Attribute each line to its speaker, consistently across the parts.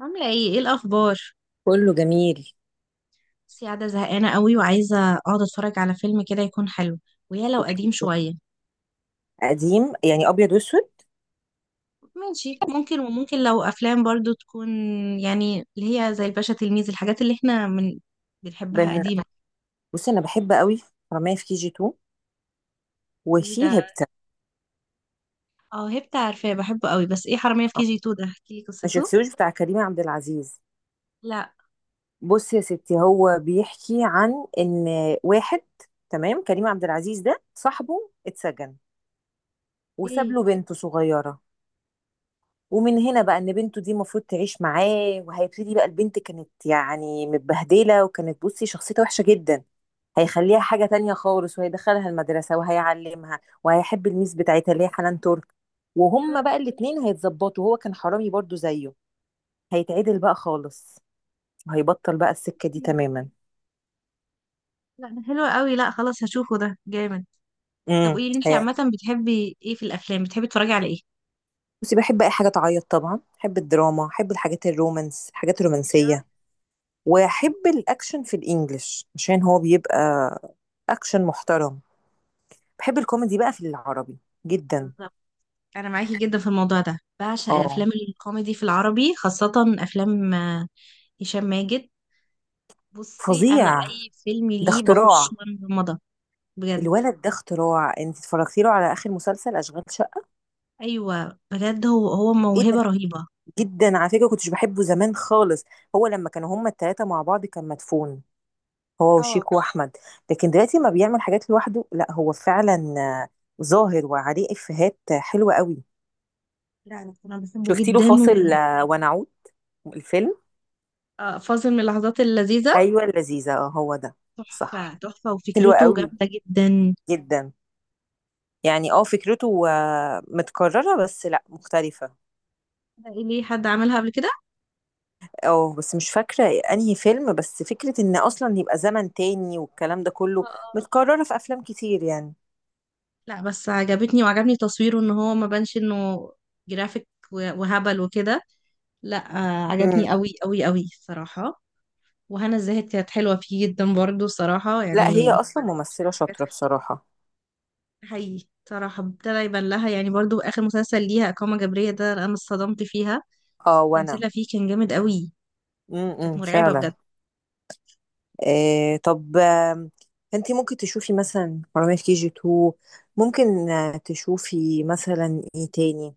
Speaker 1: عاملة ايه الأخبار؟
Speaker 2: كله جميل.
Speaker 1: بس قاعدة زهقانة قوي وعايزة اقعد اتفرج على فيلم كده يكون حلو، ويا لو
Speaker 2: اوكي.
Speaker 1: قديم شوية.
Speaker 2: قديم يعني ابيض واسود؟
Speaker 1: ماشي ممكن، وممكن لو أفلام برضو تكون يعني اللي هي زي الباشا تلميذ، الحاجات اللي احنا من بنحبها
Speaker 2: بن...
Speaker 1: قديمة.
Speaker 2: بصي انا بحب قوي حرامية في كي جي 2
Speaker 1: ايه
Speaker 2: وفي
Speaker 1: ده؟
Speaker 2: هبتة.
Speaker 1: اه، هبت عارفاه بحبه قوي، بس ايه حرامية في
Speaker 2: آه،
Speaker 1: كي جي 2 ده؟ احكي لي
Speaker 2: ما
Speaker 1: قصته.
Speaker 2: شفتوش بتاع كريم عبد العزيز؟
Speaker 1: لا،
Speaker 2: بصي يا ستي، هو بيحكي عن ان واحد، تمام، كريم عبد العزيز ده صاحبه اتسجن وساب
Speaker 1: ايه
Speaker 2: له بنته صغيرة. ومن هنا بقى ان بنته دي المفروض تعيش معاه وهيبتدي بقى، البنت كانت يعني متبهدلة وكانت، بصي، شخصيتها وحشة جدا. هيخليها حاجة تانية خالص وهيدخلها المدرسة وهيعلمها وهيحب الميس بتاعتها اللي هي حنان ترك. وهما بقى الاتنين هيتظبطوا، هو كان حرامي برضو زيه، هيتعدل بقى خالص وهيبطل بقى السكة دي
Speaker 1: حرامية.
Speaker 2: تماما.
Speaker 1: لا ده حلو قوي، لا خلاص هشوفه، ده جامد. طب
Speaker 2: امم
Speaker 1: قولي لي انتي
Speaker 2: هي-
Speaker 1: عامة بتحبي ايه في الأفلام، بتحبي تتفرجي على ايه؟
Speaker 2: بصي بحب اي حاجة تعيط، طبعا بحب الدراما، بحب الحاجات الرومانس، الحاجات
Speaker 1: ايوه.
Speaker 2: الرومانسية. واحب الاكشن في الانجليش عشان هو بيبقى اكشن محترم. بحب الكوميدي بقى في العربي جدا.
Speaker 1: بالظبط. انا معاكي جدا في الموضوع ده، بعشق
Speaker 2: اه،
Speaker 1: الافلام الكوميدي في العربي خاصه. افلام هشام ماجد. بصي انا
Speaker 2: فظيع،
Speaker 1: اي فيلم
Speaker 2: ده
Speaker 1: ليه بخش
Speaker 2: اختراع.
Speaker 1: مغمضه بجد.
Speaker 2: الولد ده اختراع. انت اتفرجتي له على اخر مسلسل اشغال شقه؟
Speaker 1: ايوه بجد، هو
Speaker 2: ايه ده،
Speaker 1: موهبه رهيبه.
Speaker 2: جدا. على فكره كنتش بحبه زمان خالص. هو لما كانوا هما التلاته مع بعض كان مدفون، هو
Speaker 1: اه.
Speaker 2: وشيك واحمد. لكن دلوقتي ما بيعمل حاجات لوحده، لا هو فعلا ظاهر وعليه افيهات حلوه قوي.
Speaker 1: لا، أنا بحبه
Speaker 2: شفتي له
Speaker 1: جدا.
Speaker 2: فاصل ونعود الفيلم؟
Speaker 1: فاصل من اللحظات اللذيذه.
Speaker 2: ايوه، اللذيذه، اه هو ده. صح،
Speaker 1: تحفه تحفه
Speaker 2: حلوه
Speaker 1: وفكرته
Speaker 2: قوي
Speaker 1: جامده جدا.
Speaker 2: جدا. يعني اه فكرته متكرره، بس لا، مختلفه.
Speaker 1: ده إيه، ليه حد عملها قبل كده؟
Speaker 2: اه بس مش فاكرة انهي فيلم، بس فكرة ان اصلا يبقى زمن تاني والكلام ده كله
Speaker 1: آه، آه.
Speaker 2: متكررة في افلام كتير يعني.
Speaker 1: لا بس عجبتني، وعجبني تصويره ان هو ما بانش انه جرافيك وهبل وكده. لا عجبني
Speaker 2: امم.
Speaker 1: قوي قوي قوي الصراحة. وهنا الزاهد كانت حلوة فيه جدا برضو الصراحة
Speaker 2: لا هي
Speaker 1: يعني.
Speaker 2: اصلا ممثلة
Speaker 1: حاجات
Speaker 2: شاطرة
Speaker 1: حلوة.
Speaker 2: بصراحة.
Speaker 1: حقيقي صراحة ابتدى يبان لها، يعني برضو آخر مسلسل ليها إقامة جبرية ده أنا اتصدمت فيها.
Speaker 2: اه وانا.
Speaker 1: تمثيلها فيه كان جامد قوي. كانت مرعبة
Speaker 2: فعلا.
Speaker 1: بجد.
Speaker 2: آه، طب. انتي ممكن تشوفي مثلا حرامية في كي جي 2، ممكن تشوفي مثلا ايه تاني.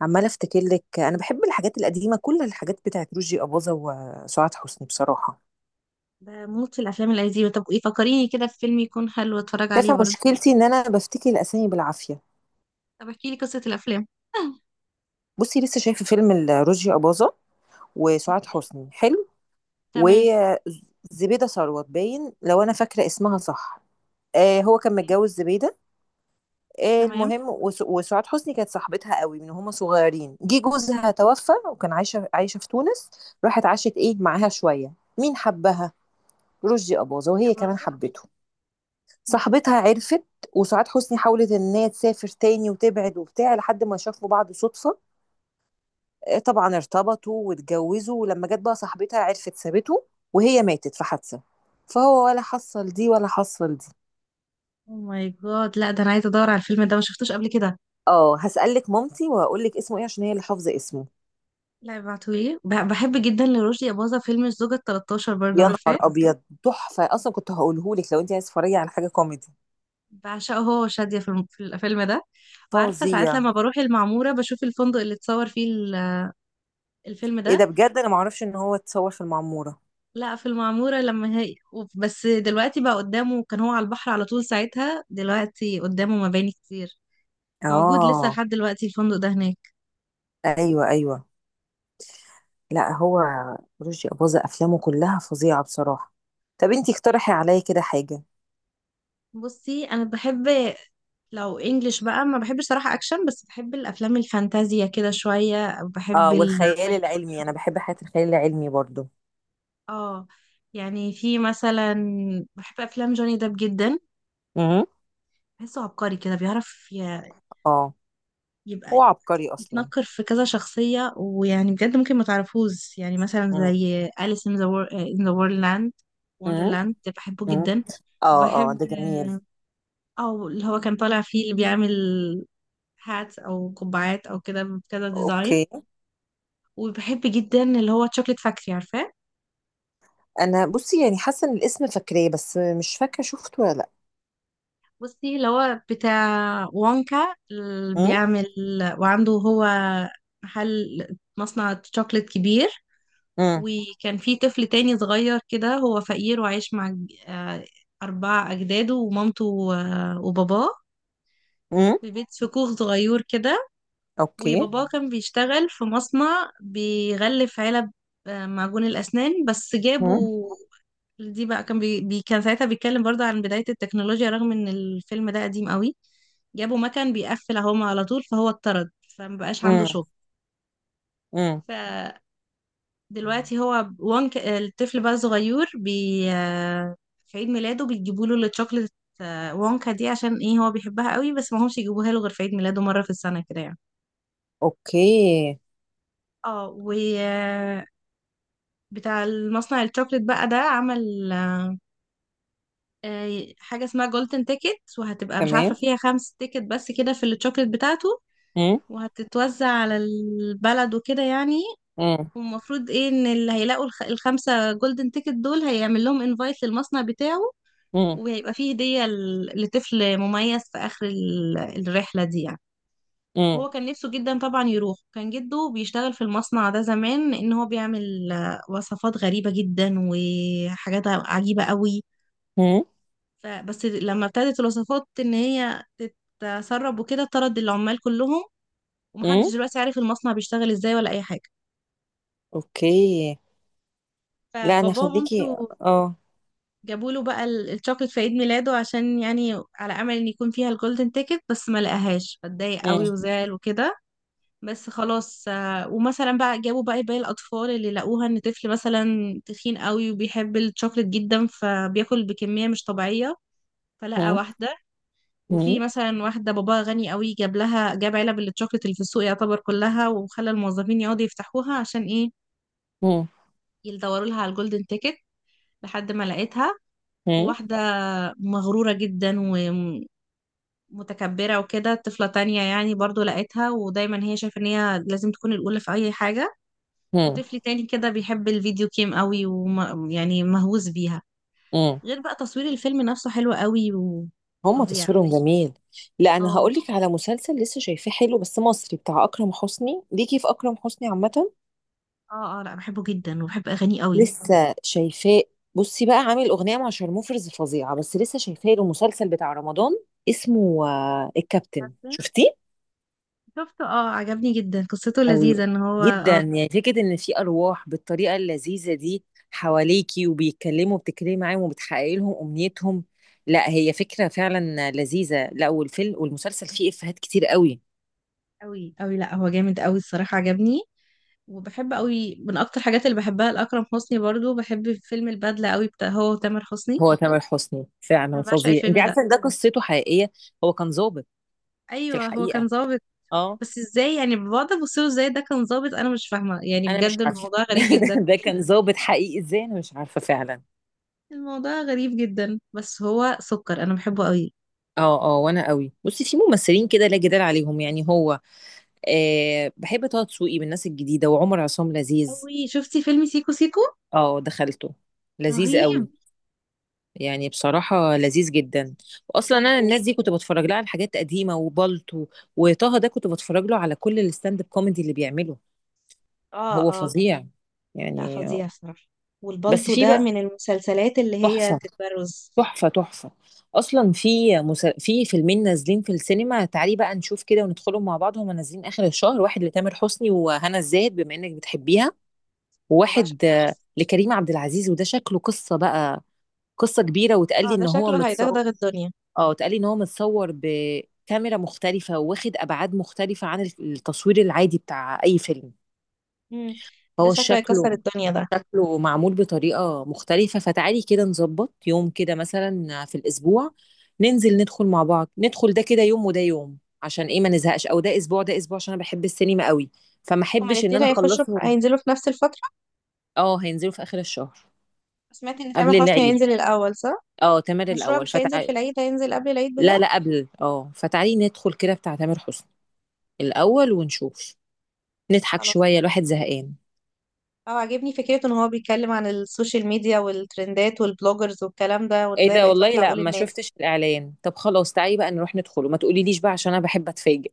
Speaker 2: عمالة افتكر لك، انا بحب الحاجات القديمة، كل الحاجات بتاعت رشدي أباظة وسعاد حسني بصراحة.
Speaker 1: بموت في الأفلام القديمة. طب إيه، فكريني كده في فيلم يكون حلو أتفرج عليه
Speaker 2: شايفة
Speaker 1: برضو.
Speaker 2: مشكلتي ان انا بفتكر الاسامي بالعافية.
Speaker 1: طب احكي لي قصة الأفلام.
Speaker 2: بُصّي، لسه شايفة فيلم ل رُشدي أباظة وسُعاد
Speaker 1: أوكي.
Speaker 2: حسني، حلو، وز
Speaker 1: تمام.
Speaker 2: زبيدة ثروت باين، لو أنا فاكرة اسمها صح. هو كان
Speaker 1: أوكي،
Speaker 2: متجوّز زبيدة.
Speaker 1: تمام.
Speaker 2: المهم وسُعاد حسني كانت صاحبتها أوي من وهُم صغيّرين. جِه جوزها توفّى، وكان عايشة في تونس. راحت عاشت، معاها شوية. مين حبّها؟ رُشدي أباظة،
Speaker 1: يا
Speaker 2: وهي كمان
Speaker 1: برزة.
Speaker 2: حبّته. صاحبتها عرفِت، وسُعاد حسني حاولت إن هي تسافر تاني وتبعد وبتاع، لحد ما شافوا بعض صُدفة. طبعا ارتبطوا واتجوزوا، ولما جت بقى صاحبتها عرفت، سابته. وهي ماتت في حادثة. فهو ولا حصل دي ولا حصل دي.
Speaker 1: اوه ماي جاد، لا ده أنا عايزة أدور على الفيلم ده، ما شفتوش قبل كده.
Speaker 2: اه، هسألك مامتي وهقول لك اسمه ايه عشان هي اللي حافظة اسمه.
Speaker 1: لا ابعتولي، بحب جدا لرشدي أباظة فيلم الزوجة التلتاشر، برضه
Speaker 2: يا نهار
Speaker 1: عارفاه.
Speaker 2: ابيض، تحفة اصلا. كنت هقوله لك لو انت عايز تتفرجي على حاجة كوميدي.
Speaker 1: بعشقه هو وشادية في الفيلم ده. وعارفة ساعات
Speaker 2: فظيع.
Speaker 1: لما بروح المعمورة بشوف الفندق اللي اتصور فيه الفيلم
Speaker 2: ايه ده
Speaker 1: ده.
Speaker 2: بجد، انا معرفش ان هو اتصور في المعمورة.
Speaker 1: لا، في المعمورة بس دلوقتي بقى قدامه، كان هو على البحر على طول ساعتها. دلوقتي قدامه مباني كتير. موجود لسه
Speaker 2: اه،
Speaker 1: لحد دلوقتي الفندق ده هناك.
Speaker 2: ايوه ايوه. لا هو رشدي أباظة افلامه كلها فظيعة بصراحة. طب انت اقترحي عليا كده حاجة.
Speaker 1: بصي أنا بحب، لو انجلش بقى ما بحبش صراحة أكشن، بس بحب الأفلام الفانتازيا كده شوية، بحب
Speaker 2: اه، والخيال العلمي انا
Speaker 1: الكرتون.
Speaker 2: بحب حياة الخيال العلمي برضو.
Speaker 1: اه. يعني في مثلا، بحب افلام جوني ديب جدا.
Speaker 2: امم.
Speaker 1: بحسه عبقري كده، بيعرف
Speaker 2: اه، هو
Speaker 1: يبقى
Speaker 2: عبقري اصلا.
Speaker 1: يتنكر في كذا شخصية، ويعني بجد ممكن ما تعرفوش، يعني مثلا
Speaker 2: امم،
Speaker 1: زي أليس in the Wonderland
Speaker 2: امم،
Speaker 1: Wonderland ده بحبه
Speaker 2: امم،
Speaker 1: جدا.
Speaker 2: اه، اه،
Speaker 1: وبحب
Speaker 2: ده جميل.
Speaker 1: او اللي هو كان طالع فيه اللي بيعمل هاتس او قبعات او كده بكذا ديزاين.
Speaker 2: اوكي.
Speaker 1: وبحب جدا اللي هو تشوكلت فاكتري، عارفاه؟
Speaker 2: انا بصي يعني حاسه ان الاسم فاكراه، بس مش فاكره شفته ولا لا.
Speaker 1: بصي اللي هو بتاع وونكا اللي
Speaker 2: امم،
Speaker 1: بيعمل. وعنده هو محل مصنع شوكليت كبير.
Speaker 2: امم،
Speaker 1: وكان في طفل تاني صغير كده، هو فقير وعايش مع آه، أربعة أجداده ومامته و- وباباه.
Speaker 2: امم،
Speaker 1: في كوخ صغير كده.
Speaker 2: اوكي.
Speaker 1: وباباه كان بيشتغل في مصنع بيغلف علب معجون الأسنان، بس
Speaker 2: امم،
Speaker 1: جابوا. دي بقى كان ساعتها بيتكلم برضه عن بداية التكنولوجيا رغم ان الفيلم ده قديم قوي. جابوا مكان بيقفل اهو على طول، فهو اتطرد فمبقاش عنده
Speaker 2: امم،
Speaker 1: شغل.
Speaker 2: امم.
Speaker 1: فدلوقتي هو الطفل بقى صغير، بي... آه، في عيد ميلاده بيجيبوا له الشوكليت وونكا دي، عشان ايه هو بيحبها قوي، بس ما همش يجيبوها له غير في عيد ميلاده مرة في السنة كده يعني.
Speaker 2: اوكي.
Speaker 1: اه و آه، بتاع المصنع الشوكليت بقى ده عمل حاجة اسمها جولدن تيكت، وهتبقى مش عارفة
Speaker 2: تمام.
Speaker 1: فيها خمس تيكت بس كده في الشوكليت بتاعته.
Speaker 2: امم،
Speaker 1: وهتتوزع على البلد وكده يعني.
Speaker 2: امم،
Speaker 1: والمفروض ايه ان اللي هيلاقوا الخمسة جولدن تيكت دول هيعمل لهم انفايت للمصنع بتاعه.
Speaker 2: امم،
Speaker 1: وهيبقى فيه هدية لطفل مميز في آخر الرحلة دي يعني.
Speaker 2: امم،
Speaker 1: هو كان نفسه جدا طبعا يروح، كان جده بيشتغل في المصنع ده زمان، ان هو بيعمل وصفات غريبة جدا وحاجات عجيبة قوي.
Speaker 2: امم،
Speaker 1: فبس لما ابتدت الوصفات ان هي تتسرب وكده، طرد العمال كلهم. ومحدش
Speaker 2: امم.
Speaker 1: دلوقتي عارف المصنع بيشتغل ازاي ولا اي حاجه.
Speaker 2: اوكي. لا انا،
Speaker 1: فبابا
Speaker 2: خليكي.
Speaker 1: ومامته
Speaker 2: اه.
Speaker 1: جابوا له بقى الشوكليت في عيد ميلاده، عشان يعني على امل ان يكون فيها الجولدن تيكت، بس ما لقاهاش فاتضايق
Speaker 2: امم،
Speaker 1: قوي وزعل وكده. بس خلاص. ومثلا بقى جابوا بقى باقي الاطفال اللي لقوها، ان طفل مثلا تخين قوي وبيحب الشوكليت جدا فبياكل بكميه مش طبيعيه، فلقى
Speaker 2: امم،
Speaker 1: واحده. وفي مثلا واحدة باباها غني قوي، جاب علب الشوكليت اللي في السوق يعتبر كلها، وخلى الموظفين يقعدوا يفتحوها عشان ايه،
Speaker 2: امم،
Speaker 1: يدوروا لها على الجولدن تيكت لحد ما لقيتها.
Speaker 2: امم،
Speaker 1: واحدة مغرورة جدا ومتكبرة وكده. طفلة تانية يعني برضو لقيتها، ودايما هي شايفة ان هي لازم تكون الأولى في أي حاجة. وطفل تاني كده بيحب الفيديو جيم قوي ويعني مهووس بيها.
Speaker 2: امم.
Speaker 1: غير بقى تصوير الفيلم نفسه حلو قوي
Speaker 2: هما
Speaker 1: وفظيع.
Speaker 2: تصويرهم جميل. لا انا
Speaker 1: اه،
Speaker 2: هقول لك على مسلسل لسه شايفاه، حلو بس مصري، بتاع اكرم حسني، ليكي في اكرم حسني عامه؟
Speaker 1: اه، اه. لا بحبه جدا وبحب أغانيه قوي.
Speaker 2: لسه شايفاه. بصي بقى، عامل اغنيه مع شارموفرز فظيعه. بس لسه شايفاه له مسلسل بتاع رمضان اسمه الكابتن، شفتيه؟
Speaker 1: شفته، اه، عجبني جدا قصته
Speaker 2: قوي
Speaker 1: لذيذة ان هو،
Speaker 2: جدا.
Speaker 1: اه،
Speaker 2: يعني فكره ان في ارواح بالطريقه اللذيذه دي حواليكي، وبيتكلموا، بتتكلمي معاهم وبتحققي لهم امنيتهم. لا هي فكره فعلا لذيذه. لا والفيلم والمسلسل فيه افيهات كتير قوي.
Speaker 1: قوي قوي. لا هو جامد قوي الصراحة عجبني. وبحب قوي، من اكتر الحاجات اللي بحبها لأكرم حسني برضو بحب فيلم البدلة قوي، بتاع هو وتامر حسني.
Speaker 2: هو تامر حسني فعلا
Speaker 1: انا بعشق
Speaker 2: فظيع.
Speaker 1: الفيلم
Speaker 2: انت
Speaker 1: ده.
Speaker 2: عارفه ان ده قصته حقيقيه؟ هو كان ضابط في
Speaker 1: ايوه، هو كان
Speaker 2: الحقيقه.
Speaker 1: ظابط.
Speaker 2: اه.
Speaker 1: بس ازاي يعني بقعد ابص له ازاي ده كان ظابط، انا مش فاهمة يعني
Speaker 2: انا مش
Speaker 1: بجد
Speaker 2: عارفه
Speaker 1: الموضوع غريب جدا.
Speaker 2: ده كان ضابط حقيقي ازاي، انا مش عارفه فعلا.
Speaker 1: الموضوع غريب جدا، بس هو سكر، انا بحبه قوي.
Speaker 2: اه، اه، وانا قوي. بصي في ممثلين كده لا جدال عليهم، يعني هو بحب طه دسوقي من الناس الجديده، وعمر عصام لذيذ.
Speaker 1: قوي. شفتي فيلم سيكو سيكو؟
Speaker 2: اه، دخلته، لذيذ
Speaker 1: رهيب
Speaker 2: قوي. يعني بصراحة لذيذ جدا. وأصلا أنا
Speaker 1: جدا.
Speaker 2: الناس دي كنت بتفرج لها على حاجات قديمة، وبالطو وطه ده كنت بتفرج له على كل الستاند اب كوميدي اللي بيعمله. هو
Speaker 1: اه
Speaker 2: فظيع
Speaker 1: لا
Speaker 2: يعني.
Speaker 1: فظيع صراحة.
Speaker 2: بس
Speaker 1: والبلطو
Speaker 2: في
Speaker 1: ده
Speaker 2: بقى،
Speaker 1: من المسلسلات اللي هي
Speaker 2: تحفة
Speaker 1: تتبرز.
Speaker 2: تحفة تحفة. اصلا في في فيلمين نازلين في السينما، تعالي بقى نشوف كده وندخلهم مع بعض. هما نازلين اخر الشهر، واحد لتامر حسني وهنا الزاهد بما انك بتحبيها،
Speaker 1: وبقى
Speaker 2: وواحد
Speaker 1: شكله مصر.
Speaker 2: لكريم عبد العزيز، وده شكله قصة بقى، قصة كبيرة، وتقال لي
Speaker 1: اه ده
Speaker 2: ان هو
Speaker 1: شكله
Speaker 2: متصور.
Speaker 1: هيدغدغ الدنيا.
Speaker 2: اه، وتقال لي ان هو متصور بكاميرا مختلفة، واخد ابعاد مختلفة عن التصوير العادي بتاع اي فيلم.
Speaker 1: امم ده
Speaker 2: فهو
Speaker 1: شكله
Speaker 2: شكله،
Speaker 1: هيكسر الدنيا ده.
Speaker 2: معمول بطريقة مختلفة. فتعالي كده نظبط يوم كده مثلا في الأسبوع، ننزل ندخل مع بعض، ندخل ده كده يوم وده يوم، عشان ايه ما نزهقش، او ده اسبوع ده اسبوع، عشان انا بحب السينما قوي فما
Speaker 1: هما
Speaker 2: احبش ان
Speaker 1: الاتنين
Speaker 2: انا اخلصهم.
Speaker 1: هينزلوا في نفس الفترة.
Speaker 2: اه، هينزلوا في اخر الشهر.
Speaker 1: سمعت ان تامر
Speaker 2: قبل
Speaker 1: حسني
Speaker 2: العيد.
Speaker 1: هينزل الأول صح؟
Speaker 2: اه، تامر
Speaker 1: مشروع
Speaker 2: الاول،
Speaker 1: مش هينزل في
Speaker 2: فتعالي.
Speaker 1: العيد، هينزل قبل العيد بجد؟
Speaker 2: لا لا قبل، فتعالي ندخل كده بتاع تامر حسني الاول ونشوف، نضحك
Speaker 1: خلاص
Speaker 2: شوية
Speaker 1: كده.
Speaker 2: الواحد زهقان.
Speaker 1: اه عاجبني فكرته ان هو بيتكلم عن السوشيال ميديا والترندات والبلوجرز والكلام ده
Speaker 2: ايه
Speaker 1: وازاي
Speaker 2: ده
Speaker 1: بقت
Speaker 2: والله،
Speaker 1: واكلة
Speaker 2: لا
Speaker 1: عقول
Speaker 2: ما
Speaker 1: الناس.
Speaker 2: شفتش الاعلان. طب خلاص تعالي بقى نروح ندخله، ما تقوليليش بقى عشان انا بحب اتفاجئ.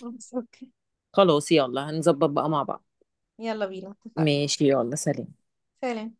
Speaker 1: بس اوكي.
Speaker 2: خلاص يلا، هنظبط بقى مع بعض.
Speaker 1: يلا بينا اتفقنا.
Speaker 2: ماشي، يلا، سلام.
Speaker 1: سلام.